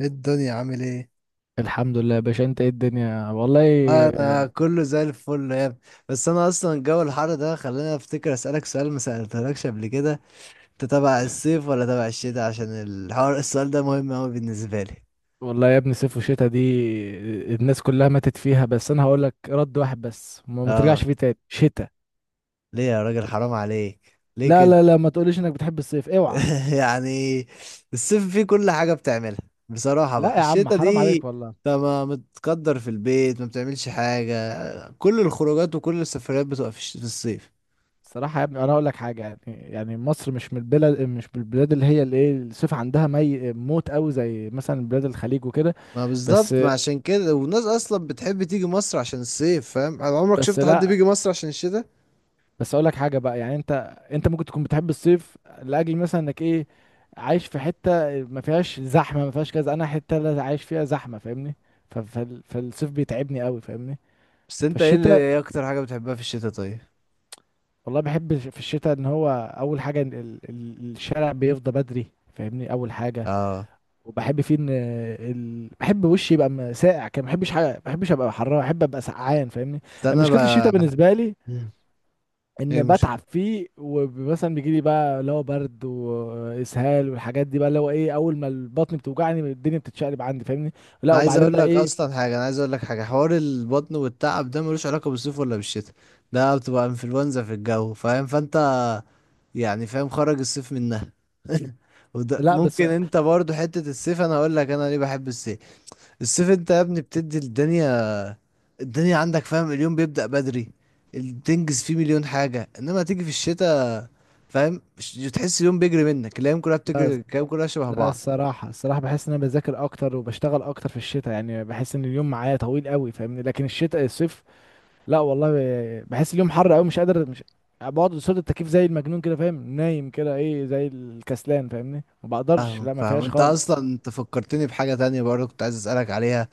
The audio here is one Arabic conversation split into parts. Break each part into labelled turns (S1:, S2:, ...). S1: ايه الدنيا عامل ايه؟
S2: الحمد لله يا باشا، انت ايه الدنيا والله.
S1: ما انا كله زي الفل يا ابني. بس انا اصلا جو الحر ده خلاني افتكر اسالك سؤال ما سالتهولكش قبل كده. انت تبع الصيف ولا تبع الشتاء؟ عشان الحوار السؤال ده مهم اوي بالنسبه لي.
S2: والله يا ابني، صيف وشتا دي الناس كلها ماتت فيها، بس انا هقول لك رد واحد بس، ما
S1: اه،
S2: ترجعش فيه تاني شتا.
S1: ليه يا راجل؟ حرام عليك. ليه
S2: لا،
S1: كده؟
S2: لا، لا، ما تقوليش انك بتحب الصيف، اوعى.
S1: يعني الصيف فيه كل حاجه بتعملها. بصراحه
S2: لا
S1: بقى
S2: يا عم،
S1: الشتاء
S2: حرام
S1: دي،
S2: عليك والله.
S1: انت ما متقدر في البيت، ما بتعملش حاجه. كل الخروجات وكل السفريات بتبقى في في الصيف.
S2: الصراحة يا ابني، انا هقول لك حاجة. يعني مصر مش من البلاد اللي هي الايه، الصيف عندها مي موت قوي زي مثلا بلاد الخليج وكده.
S1: ما
S2: بس،
S1: بالظبط، ما عشان كده والناس اصلا بتحب تيجي مصر عشان الصيف. فاهم؟ على عمرك
S2: بس،
S1: شفت حد
S2: لا،
S1: بيجي مصر عشان الشتاء؟
S2: بس اقول لك حاجه بقى. يعني انت ممكن تكون بتحب الصيف لاجل مثلا انك ايه، عايش في حته ما فيهاش زحمه ما فيهاش كذا. انا حته لا عايش فيها زحمه، فاهمني؟ فالصيف بيتعبني قوي، فاهمني.
S1: بس انت
S2: فالشتاء،
S1: ايه اكتر حاجة بتحبها في الشتاء؟ طيب.
S2: والله بحب في الشتاء ان هو اول حاجه، إن الشارع بيفضى بدري، فاهمني. اول حاجه.
S1: اه،
S2: وبحب فيه ان بحب وشي يبقى ساقع كده. ما بحبش حاجه، ما بحبش ابقى حراره، بحب ابقى سقعان، فاهمني.
S1: ده
S2: يعني
S1: انا
S2: مشكله الشتاء
S1: بقى.
S2: بالنسبه لي
S1: مم. ايه
S2: ان
S1: المشكلة؟
S2: بتعب فيه، ومثلا بيجي لي بقى اللي هو برد واسهال والحاجات دي. بقى اللي هو ايه، اول ما البطن بتوجعني الدنيا بتتشقلب عندي، فاهمني. لا
S1: انا عايز
S2: وبعدين
S1: اقول
S2: بقى
S1: لك
S2: ايه.
S1: اصلا حاجة، انا عايز اقول لك حاجة، حوار البطن والتعب ده ملوش علاقة بالصيف ولا بالشتاء. ده بتبقى انفلونزا في الجو، فاهم؟ فانت يعني فاهم خرج الصيف منها. وده
S2: لا بس.
S1: ممكن انت برضو حتة الصيف. انا هقول لك انا ليه بحب الصيف. الصيف انت يا ابني بتدي الدنيا. الدنيا عندك، فاهم، اليوم بيبدأ بدري. تنجز فيه مليون حاجة، انما تيجي في الشتاء، فاهم تحس اليوم بيجري منك. الايام كلها
S2: لا،
S1: بتجري، الايام كلها شبه
S2: لا،
S1: بعض.
S2: الصراحه بحس ان انا بذاكر اكتر وبشتغل اكتر في الشتاء، يعني بحس ان اليوم معايا طويل قوي، فاهمني. لكن الشتاء، الصيف، لا والله، بحس اليوم حر قوي، مش قادر. مش بقعد قصاد التكييف زي المجنون كده، فاهم، نايم كده ايه زي الكسلان، فاهمني. ما بقدرش، لا،
S1: فاهمك
S2: ما
S1: فاهم.
S2: فيهاش
S1: انت
S2: خالص.
S1: اصلا انت فكرتني بحاجة تانية برضه كنت عايز اسألك عليها.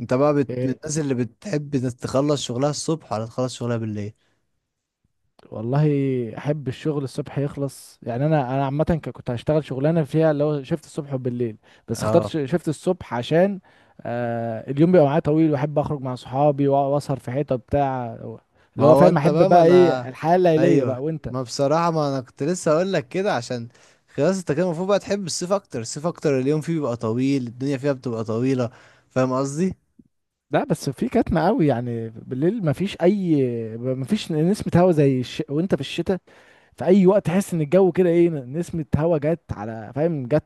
S1: انت بقى من
S2: إيه،
S1: الناس اللي بتحب إنك تخلص شغلها الصبح ولا تخلص شغلها بالليل؟
S2: والله احب الشغل الصبح يخلص. يعني انا عامه كنت هشتغل شغلانه فيها اللي هو شيفت الصبح وبالليل. بس اخترت
S1: اه.
S2: شيفت الصبح، عشان اليوم بيبقى معايا طويل، واحب اخرج مع صحابي واسهر في حته بتاع،
S1: ما
S2: اللي هو
S1: هو
S2: فاهم،
S1: انت
S2: احب
S1: بقى ما
S2: بقى ايه
S1: انا.
S2: الحياه الليليه
S1: ايوه،
S2: بقى. وانت؟
S1: ما بصراحة ما انا كنت لسه اقول لك كده عشان خلاص. انت كده المفروض بقى تحب الصيف اكتر. الصيف اكتر اليوم فيه بيبقى طويل، الدنيا فيها بتبقى طويلة. فاهم قصدي؟
S2: لا، بس في كتمة قوي. يعني بالليل مفيش نسمة هوا زي وانت في الشتاء، في اي وقت تحس ان الجو كده ايه، نسمة هوا جت على، فاهم، جت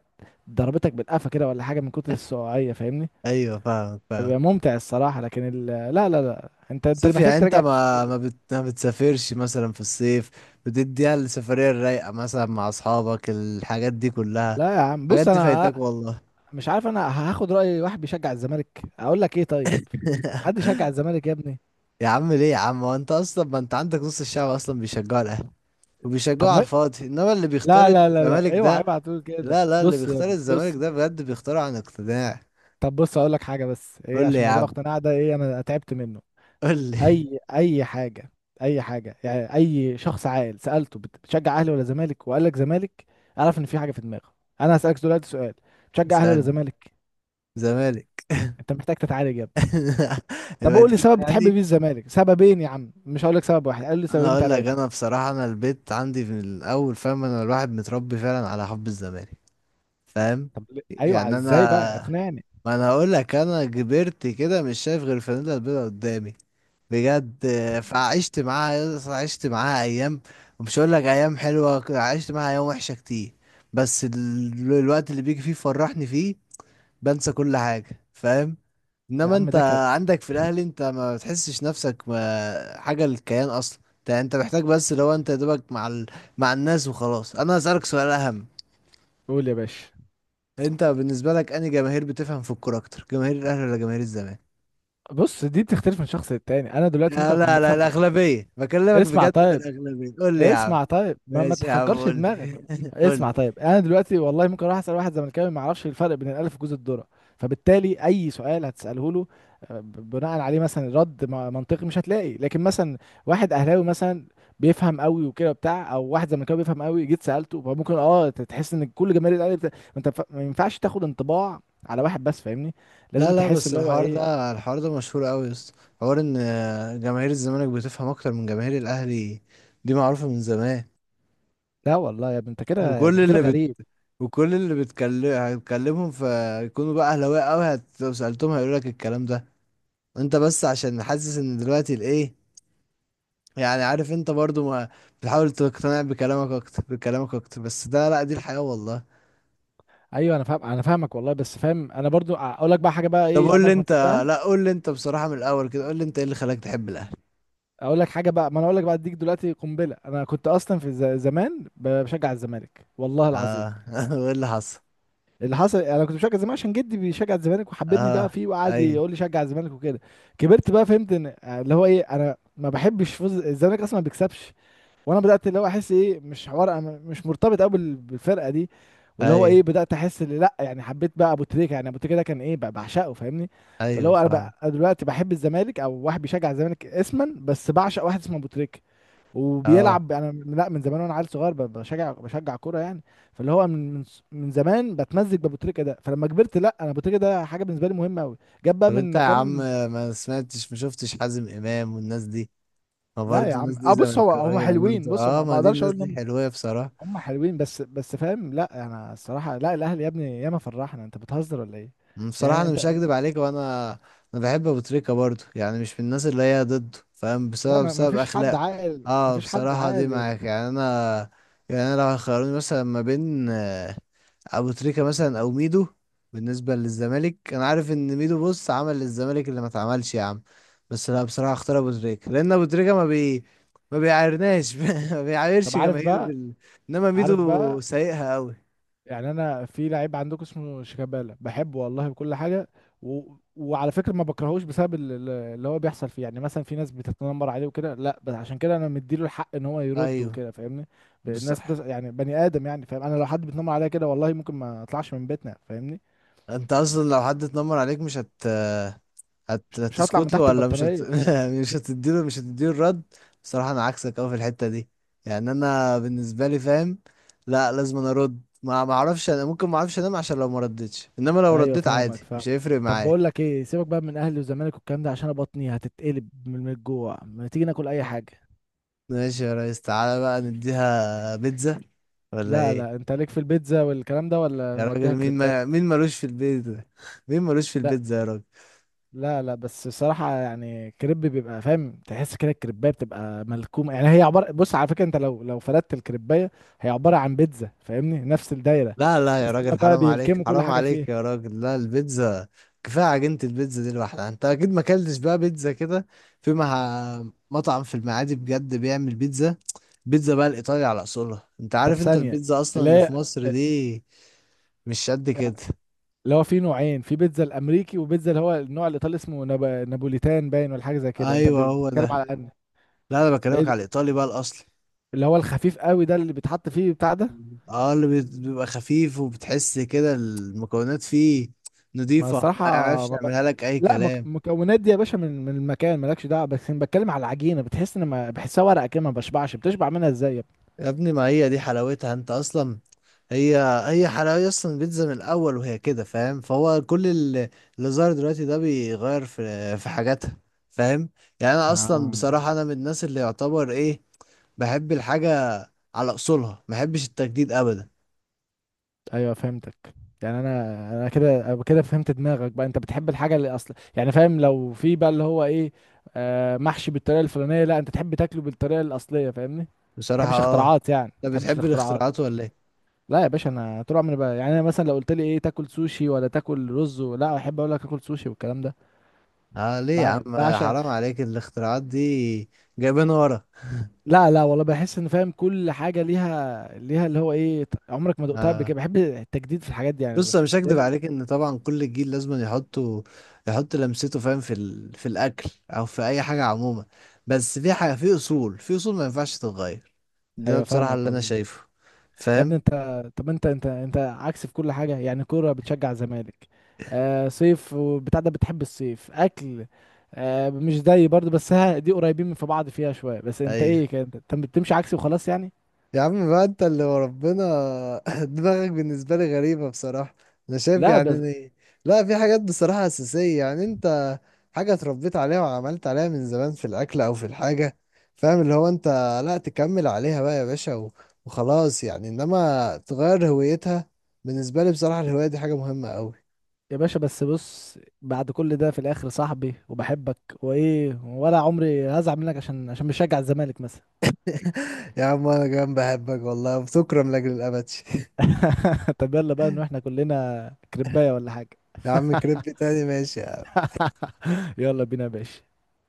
S2: ضربتك بالقفا كده ولا حاجة من كتر السقوعية، فاهمني.
S1: ايوه فاهمك فاهم.
S2: بيبقى ممتع الصراحة. لكن لا، لا، لا، انت
S1: صيف
S2: محتاج
S1: يعني؟ انت
S2: تراجع نفسك يا ابني.
S1: ما بتسافرش مثلا في الصيف؟ بتديها السفرية الرايقة مثلا مع اصحابك، الحاجات دي كلها.
S2: لا يا عم،
S1: الحاجات
S2: بص
S1: دي
S2: انا
S1: فايتك والله.
S2: مش عارف، انا هاخد رأي واحد بيشجع الزمالك اقول لك ايه؟ طيب. حد يشجع الزمالك يا ابني؟
S1: يا عم ليه يا عم؟ هو انت اصلا ما انت عندك نص الشعب اصلا بيشجعوا الاهلي
S2: طب
S1: وبيشجعوا على
S2: ما،
S1: الفاضي. انما اللي بيختار
S2: لا، لا، لا،
S1: الزمالك
S2: لا، اوعى،
S1: ده،
S2: اوعى تقول كده.
S1: لا لا، اللي
S2: بص يا
S1: بيختار
S2: ابني،
S1: الزمالك
S2: بص.
S1: ده بجد بيختاره عن اقتناع.
S2: طب بص، اقول لك حاجة، بس ايه،
S1: قول لي
S2: عشان
S1: يا
S2: موضوع
S1: عم.
S2: اقتناع ده ايه، انا تعبت منه.
S1: قول لي.
S2: اي حاجة، اي حاجة. يعني اي شخص عاقل سألته بتشجع اهلي ولا زمالك وقال لك زمالك، اعرف ان في حاجة في دماغه. انا هسألك دلوقتي سؤال: بتشجع اهلي ولا
S1: اسألني.
S2: زمالك؟
S1: زمالك.
S2: انت محتاج تتعالج يا ابني. طب
S1: يبقى
S2: قول لي
S1: كده
S2: سبب بتحب
S1: يعني.
S2: بيه الزمالك. سببين يا عم، مش هقول لك سبب واحد. قال لي
S1: انا
S2: سببين
S1: اقول لك،
S2: ثلاثه.
S1: انا بصراحه انا البيت عندي من الاول، فاهم، انا الواحد متربي فعلا على حب الزمالك. فاهم
S2: طب ليه؟ ايوه،
S1: يعني؟
S2: ازاي بقى،
S1: انا،
S2: اقنعني.
S1: ما انا هقول لك، انا كبرت كده مش شايف غير الفانيلا البيضاء قدامي بجد. آه، فعشت معاها، عشت معاها ايام. ومش هقول لك ايام حلوه، عشت معاها ايام وحشه كتير. بس الوقت اللي بيجي فيه فرحني فيه بنسى كل حاجه، فاهم؟
S2: يا
S1: انما
S2: عم
S1: انت
S2: ده كده.
S1: عندك في الاهلي انت ما بتحسش نفسك حاجه للكيان اصلا. انت محتاج بس. لو انت يا دوبك مع مع الناس وخلاص. انا هسألك سؤال اهم.
S2: قول يا باشا.
S1: انت بالنسبه لك، انهي جماهير بتفهم في الكوره اكتر، جماهير الاهلي ولا جماهير الزمالك؟
S2: بص، دي بتختلف من شخص للتاني. انا دلوقتي ممكن
S1: لا
S2: اكون
S1: لا لا،
S2: بفهم.
S1: الاغلبيه بكلمك،
S2: اسمع
S1: بجد من
S2: طيب.
S1: الاغلبيه. قول لي يا عم.
S2: ما
S1: ماشي يا عم،
S2: تحجرش
S1: قول لي.
S2: دماغك.
S1: قول
S2: اسمع
S1: لي.
S2: طيب، انا دلوقتي والله ممكن اروح اسال واحد زملكاوي ما يعرفش الفرق بين الالف وجوز الذره. فبالتالي اي سؤال هتساله له، بناء عليه مثلا رد منطقي مش هتلاقي. لكن مثلا واحد اهلاوي مثلا بيفهم قوي وكده بتاع، او واحد زملكاوي بيفهم قوي جيت سالته، فممكن تحس ان كل جماهير الاهلي ما انت ما ينفعش تاخد انطباع على واحد بس، فاهمني.
S1: لا
S2: لازم
S1: لا،
S2: تحس
S1: بس
S2: اللي هو
S1: الحوار
S2: ايه.
S1: ده الحوار ده مشهور قوي يا اسطى. حوار ان جماهير الزمالك بتفهم اكتر من جماهير الاهلي، دي معروفه من زمان.
S2: لا والله يا ابني، انت كده،
S1: وكل
S2: انت كده
S1: اللي
S2: غريب.
S1: وكل اللي بتكلم هتكلمهم فيكونوا بقى اهلاويه قوي، لو سالتهم هيقول لك الكلام ده. انت بس عشان حاسس ان دلوقتي الايه، يعني عارف انت برضو ما بتحاول تقتنع بكلامك اكتر، بكلامك اكتر. بس ده لا، دي الحياه والله.
S2: ايوه، انا فاهم، انا فاهمك والله. بس فاهم، انا برضو اقول لك بقى حاجه بقى
S1: طب
S2: ايه
S1: قول لي
S2: عمرك ما
S1: انت.
S2: تصدقها.
S1: لا قول لي انت بصراحه من الاول كده، قول لي انت ايه اللي خلاك تحب الاهلي.
S2: اقول لك حاجه بقى، ما انا اقول لك بقى، اديك دلوقتي قنبله. انا كنت اصلا في زمان بشجع الزمالك والله العظيم.
S1: اه. وايه اللي حصل؟
S2: اللي حصل، انا كنت بشجع الزمالك عشان جدي بيشجع الزمالك وحببني بقى
S1: اه.
S2: فيه وقعد
S1: ايوه
S2: يقول لي شجع الزمالك وكده. كبرت بقى فهمت ان اللي هو ايه، انا ما بحبش فوز الزمالك، اصلا ما بيكسبش. وانا بدات اللي هو احس ايه، مش حوار. أنا مش مرتبط قوي بالفرقه دي. واللي هو
S1: ايوه
S2: ايه، بدات احس اللي لا، يعني حبيت بقى ابو تريكه. يعني ابو تريكه ده كان ايه، بعشقه، فاهمني. فاللي
S1: ايوه
S2: هو، انا
S1: فاهم.
S2: بقى، أنا دلوقتي بحب الزمالك او واحد بيشجع الزمالك اسما بس، بعشق واحد اسمه ابو تريكه.
S1: اه
S2: وبيلعب. انا لا، من زمان وانا عيل صغير بشجع كوره يعني. فاللي هو من زمان بتمزج بابو تريكه ده. فلما كبرت، لا، انا ابو تريكه ده حاجه بالنسبه لي مهمه قوي. جاب بقى
S1: طب انت
S2: من
S1: يا عم،
S2: كام.
S1: ما سمعتش، ما شفتش حازم امام والناس دي؟ ما
S2: لا يا
S1: برضه الناس
S2: عم،
S1: دي
S2: بص هو هم
S1: زملكاوية
S2: حلوين،
S1: برضه.
S2: بص هم،
S1: اه،
S2: ما
S1: ما دي
S2: اقدرش
S1: الناس دي
S2: اقول.
S1: حلوة بصراحة.
S2: هم حلوين بس فاهم. لا انا الصراحه، لا، الاهلي يا ابني ياما فرحنا. انت بتهزر ولا ايه؟
S1: بصراحة
S2: يعني
S1: انا مش
S2: انت،
S1: هكدب عليك، وانا انا بحب ابو تريكة برضه، يعني مش من الناس اللي هي ضده، فاهم،
S2: لا،
S1: بسبب
S2: ما
S1: بسبب
S2: فيش حد
S1: اخلاقه.
S2: عاقل، ما
S1: اه
S2: فيش حد
S1: بصراحة دي
S2: عاقل.
S1: معاك. يعني انا، يعني انا لو هيخيروني مثلا ما بين ابو تريكة مثلا او ميدو، بالنسبة للزمالك انا عارف ان ميدو بص عمل للزمالك اللي ما اتعملش يا عم. بس لا بصراحة اختار ابو تريكة، لان ابو تريكة ما بيعايرناش. ما
S2: طب
S1: بيعايرش
S2: عارف
S1: جماهيره
S2: بقى
S1: بال. انما
S2: عارف
S1: ميدو
S2: بقى
S1: سايقها قوي.
S2: يعني انا في لعيب عندكم اسمه شيكابالا، بحبه والله بكل حاجه و... وعلى فكره ما بكرهوش بسبب اللي هو بيحصل فيه. يعني مثلا في ناس بتتنمر عليه وكده، لا، بس عشان كده انا مديله الحق ان هو يرد
S1: ايوه
S2: وكده، فاهمني. الناس
S1: بصح.
S2: يعني بني ادم يعني، فاهم، انا لو حد بيتنمر عليا كده والله ممكن ما اطلعش من بيتنا، فاهمني.
S1: انت اصلا لو حد اتنمر عليك مش
S2: مش هطلع من
S1: هتسكت له،
S2: تحت
S1: ولا مش
S2: البطانيه.
S1: مش هتديله الرد. بصراحة انا عكسك اوي في الحتة دي. يعني انا بالنسبة لي فاهم لا لازم انا ارد. ما اعرفش، انا ممكن ما اعرفش انام عشان لو ما ردتش. انما لو
S2: ايوه،
S1: رديت
S2: فاهمك
S1: عادي مش
S2: فاهم.
S1: هيفرق
S2: طب
S1: معايا.
S2: بقول لك ايه، سيبك بقى من اهلي والزمالك والكلام ده، عشان أنا بطني هتتقلب من الجوع. ما تيجي ناكل اي حاجه.
S1: ماشي يا ريس، تعالى بقى نديها بيتزا ولا
S2: لا، لا،
S1: ايه؟
S2: انت ليك في البيتزا والكلام ده ولا
S1: يا راجل،
S2: نوديها
S1: مين
S2: كريبات؟
S1: ما... مين ملوش في البيتزا؟ مين ملوش في
S2: لا،
S1: البيتزا يا راجل؟
S2: لا، لا، بس الصراحه يعني كريب بيبقى، فاهم، تحس كده الكريبايه بتبقى ملكومه، يعني هي عباره، بص على فكره انت لو فردت الكريبايه، هي عباره عن بيتزا، فاهمني، نفس الدايره.
S1: لا لا يا
S2: بس هما
S1: راجل،
S2: بقى
S1: حرام عليك،
S2: بيلكموا كل
S1: حرام
S2: حاجه فيها.
S1: عليك يا راجل، لا البيتزا. كفايه عجينه البيتزا دي لوحدها. انت اكيد ما اكلتش بقى بيتزا كده. في مع، مطعم في المعادي بجد بيعمل بيتزا، بيتزا بقى الايطالي على اصولها. انت
S2: طب
S1: عارف انت
S2: ثانيه،
S1: البيتزا اصلا
S2: اللي
S1: اللي في
S2: هي
S1: مصر دي مش قد كده.
S2: اللي هو في نوعين، في بيتزا الامريكي وبيتزا اللي هو النوع الايطالي اسمه نابوليتان باين ولا حاجه زي كده. انت
S1: ايوه هو
S2: بتتكلم
S1: ده.
S2: على ان...
S1: لا انا
S2: ايه
S1: بكلمك
S2: ده؟
S1: على الايطالي بقى الاصلي.
S2: اللي هو الخفيف قوي ده، اللي بيتحط فيه بتاع ده.
S1: اه اللي بيبقى خفيف، وبتحس كده المكونات فيه
S2: ما
S1: نضيفه، ما
S2: الصراحه،
S1: يعرفش
S2: ما ب...
S1: يعملها لك اي
S2: لا،
S1: كلام.
S2: مكونات دي يا باشا من المكان مالكش دعوه، بس انا بتكلم على العجينه، بتحس ان ما بحسها ورقه كده، ما بشبعش، بتشبع منها ازاي يا ابني؟
S1: يا ابني ما هي دي حلاوتها. انت اصلا هي هي حلاوه اصلا البيتزا من الاول، وهي كده فاهم. فهو كل اللي ظهر دلوقتي ده بيغير في حاجاتها، فاهم؟ يعني انا اصلا
S2: آه.
S1: بصراحه انا من الناس اللي يعتبر ايه، بحب الحاجه على اصولها، ما بحبش التجديد ابدا.
S2: ايوه، فهمتك. يعني انا كده، أنا كده فهمت دماغك بقى. انت بتحب الحاجه اللي اصلا يعني فاهم، لو في بقى اللي هو ايه، محشي بالطريقه الفلانيه، لا انت تحب تاكله بالطريقه الاصليه، فاهمني. ما
S1: بصراحه
S2: تحبش
S1: اه.
S2: اختراعات، يعني ما
S1: انت
S2: تحبش
S1: بتحب
S2: الاختراعات.
S1: الاختراعات ولا ايه؟
S2: لا يا باشا، انا طول عمري بقى، يعني انا مثلا لو قلت لي ايه تاكل سوشي ولا تاكل رز، لا احب اقول لك اكل سوشي والكلام ده.
S1: اه ليه يا عم؟
S2: بعشق.
S1: حرام عليك الاختراعات دي، جايبين ورا.
S2: لا، لا، والله بحس ان فاهم، كل حاجه ليها اللي هو ايه، عمرك ما دقتها قبل
S1: آه.
S2: كده، بحب التجديد في الحاجات دي يعني
S1: بص انا مش هكدب
S2: دايما.
S1: عليك ان طبعا كل جيل لازم يحطوا، يحط لمسته، فاهم، في في الاكل او في اي حاجه عموما، بس في حاجه في اصول ما ينفعش تتغير. ده
S2: ايوه،
S1: بصراحه
S2: فاهمك
S1: اللي انا
S2: والله.
S1: شايفه،
S2: يا
S1: فاهم؟
S2: ابني انت، طب انت عكس في كل حاجه. يعني كوره بتشجع الزمالك، صيف وبتاع ده بتحب الصيف، اكل، مش زي برضه بس ها، دي قريبين من في بعض فيها شويه، بس انت
S1: ايوه
S2: ايه كده، انت بتمشي عكسي وخلاص يعني.
S1: يا عم بقى، انت اللي وربنا. دماغك بالنسبة لي غريبة بصراحة. انا شايف
S2: لا بس
S1: يعني، إن- لا، في حاجات بصراحة أساسية، يعني انت حاجة اتربيت عليها وعملت عليها من زمان، في الأكل أو في الحاجة، فاهم، اللي هو انت لا تكمل عليها بقى يا باشا وخلاص، يعني انما تغير هويتها، بالنسبة لي بصراحة الهواية دي حاجة مهمة أوي.
S2: يا باشا، بس بص، بعد كل ده في الاخر صاحبي وبحبك، وايه ولا عمري هزعل منك عشان بشجع الزمالك مثلا؟
S1: يا عم انا كمان بحبك والله وبتكرم لأجل الأبد.
S2: طب يلا بقى ان احنا كلنا كربايه ولا حاجه؟
S1: يا عم كريب تاني، ماشي يا عم.
S2: يلا بينا يا باشا.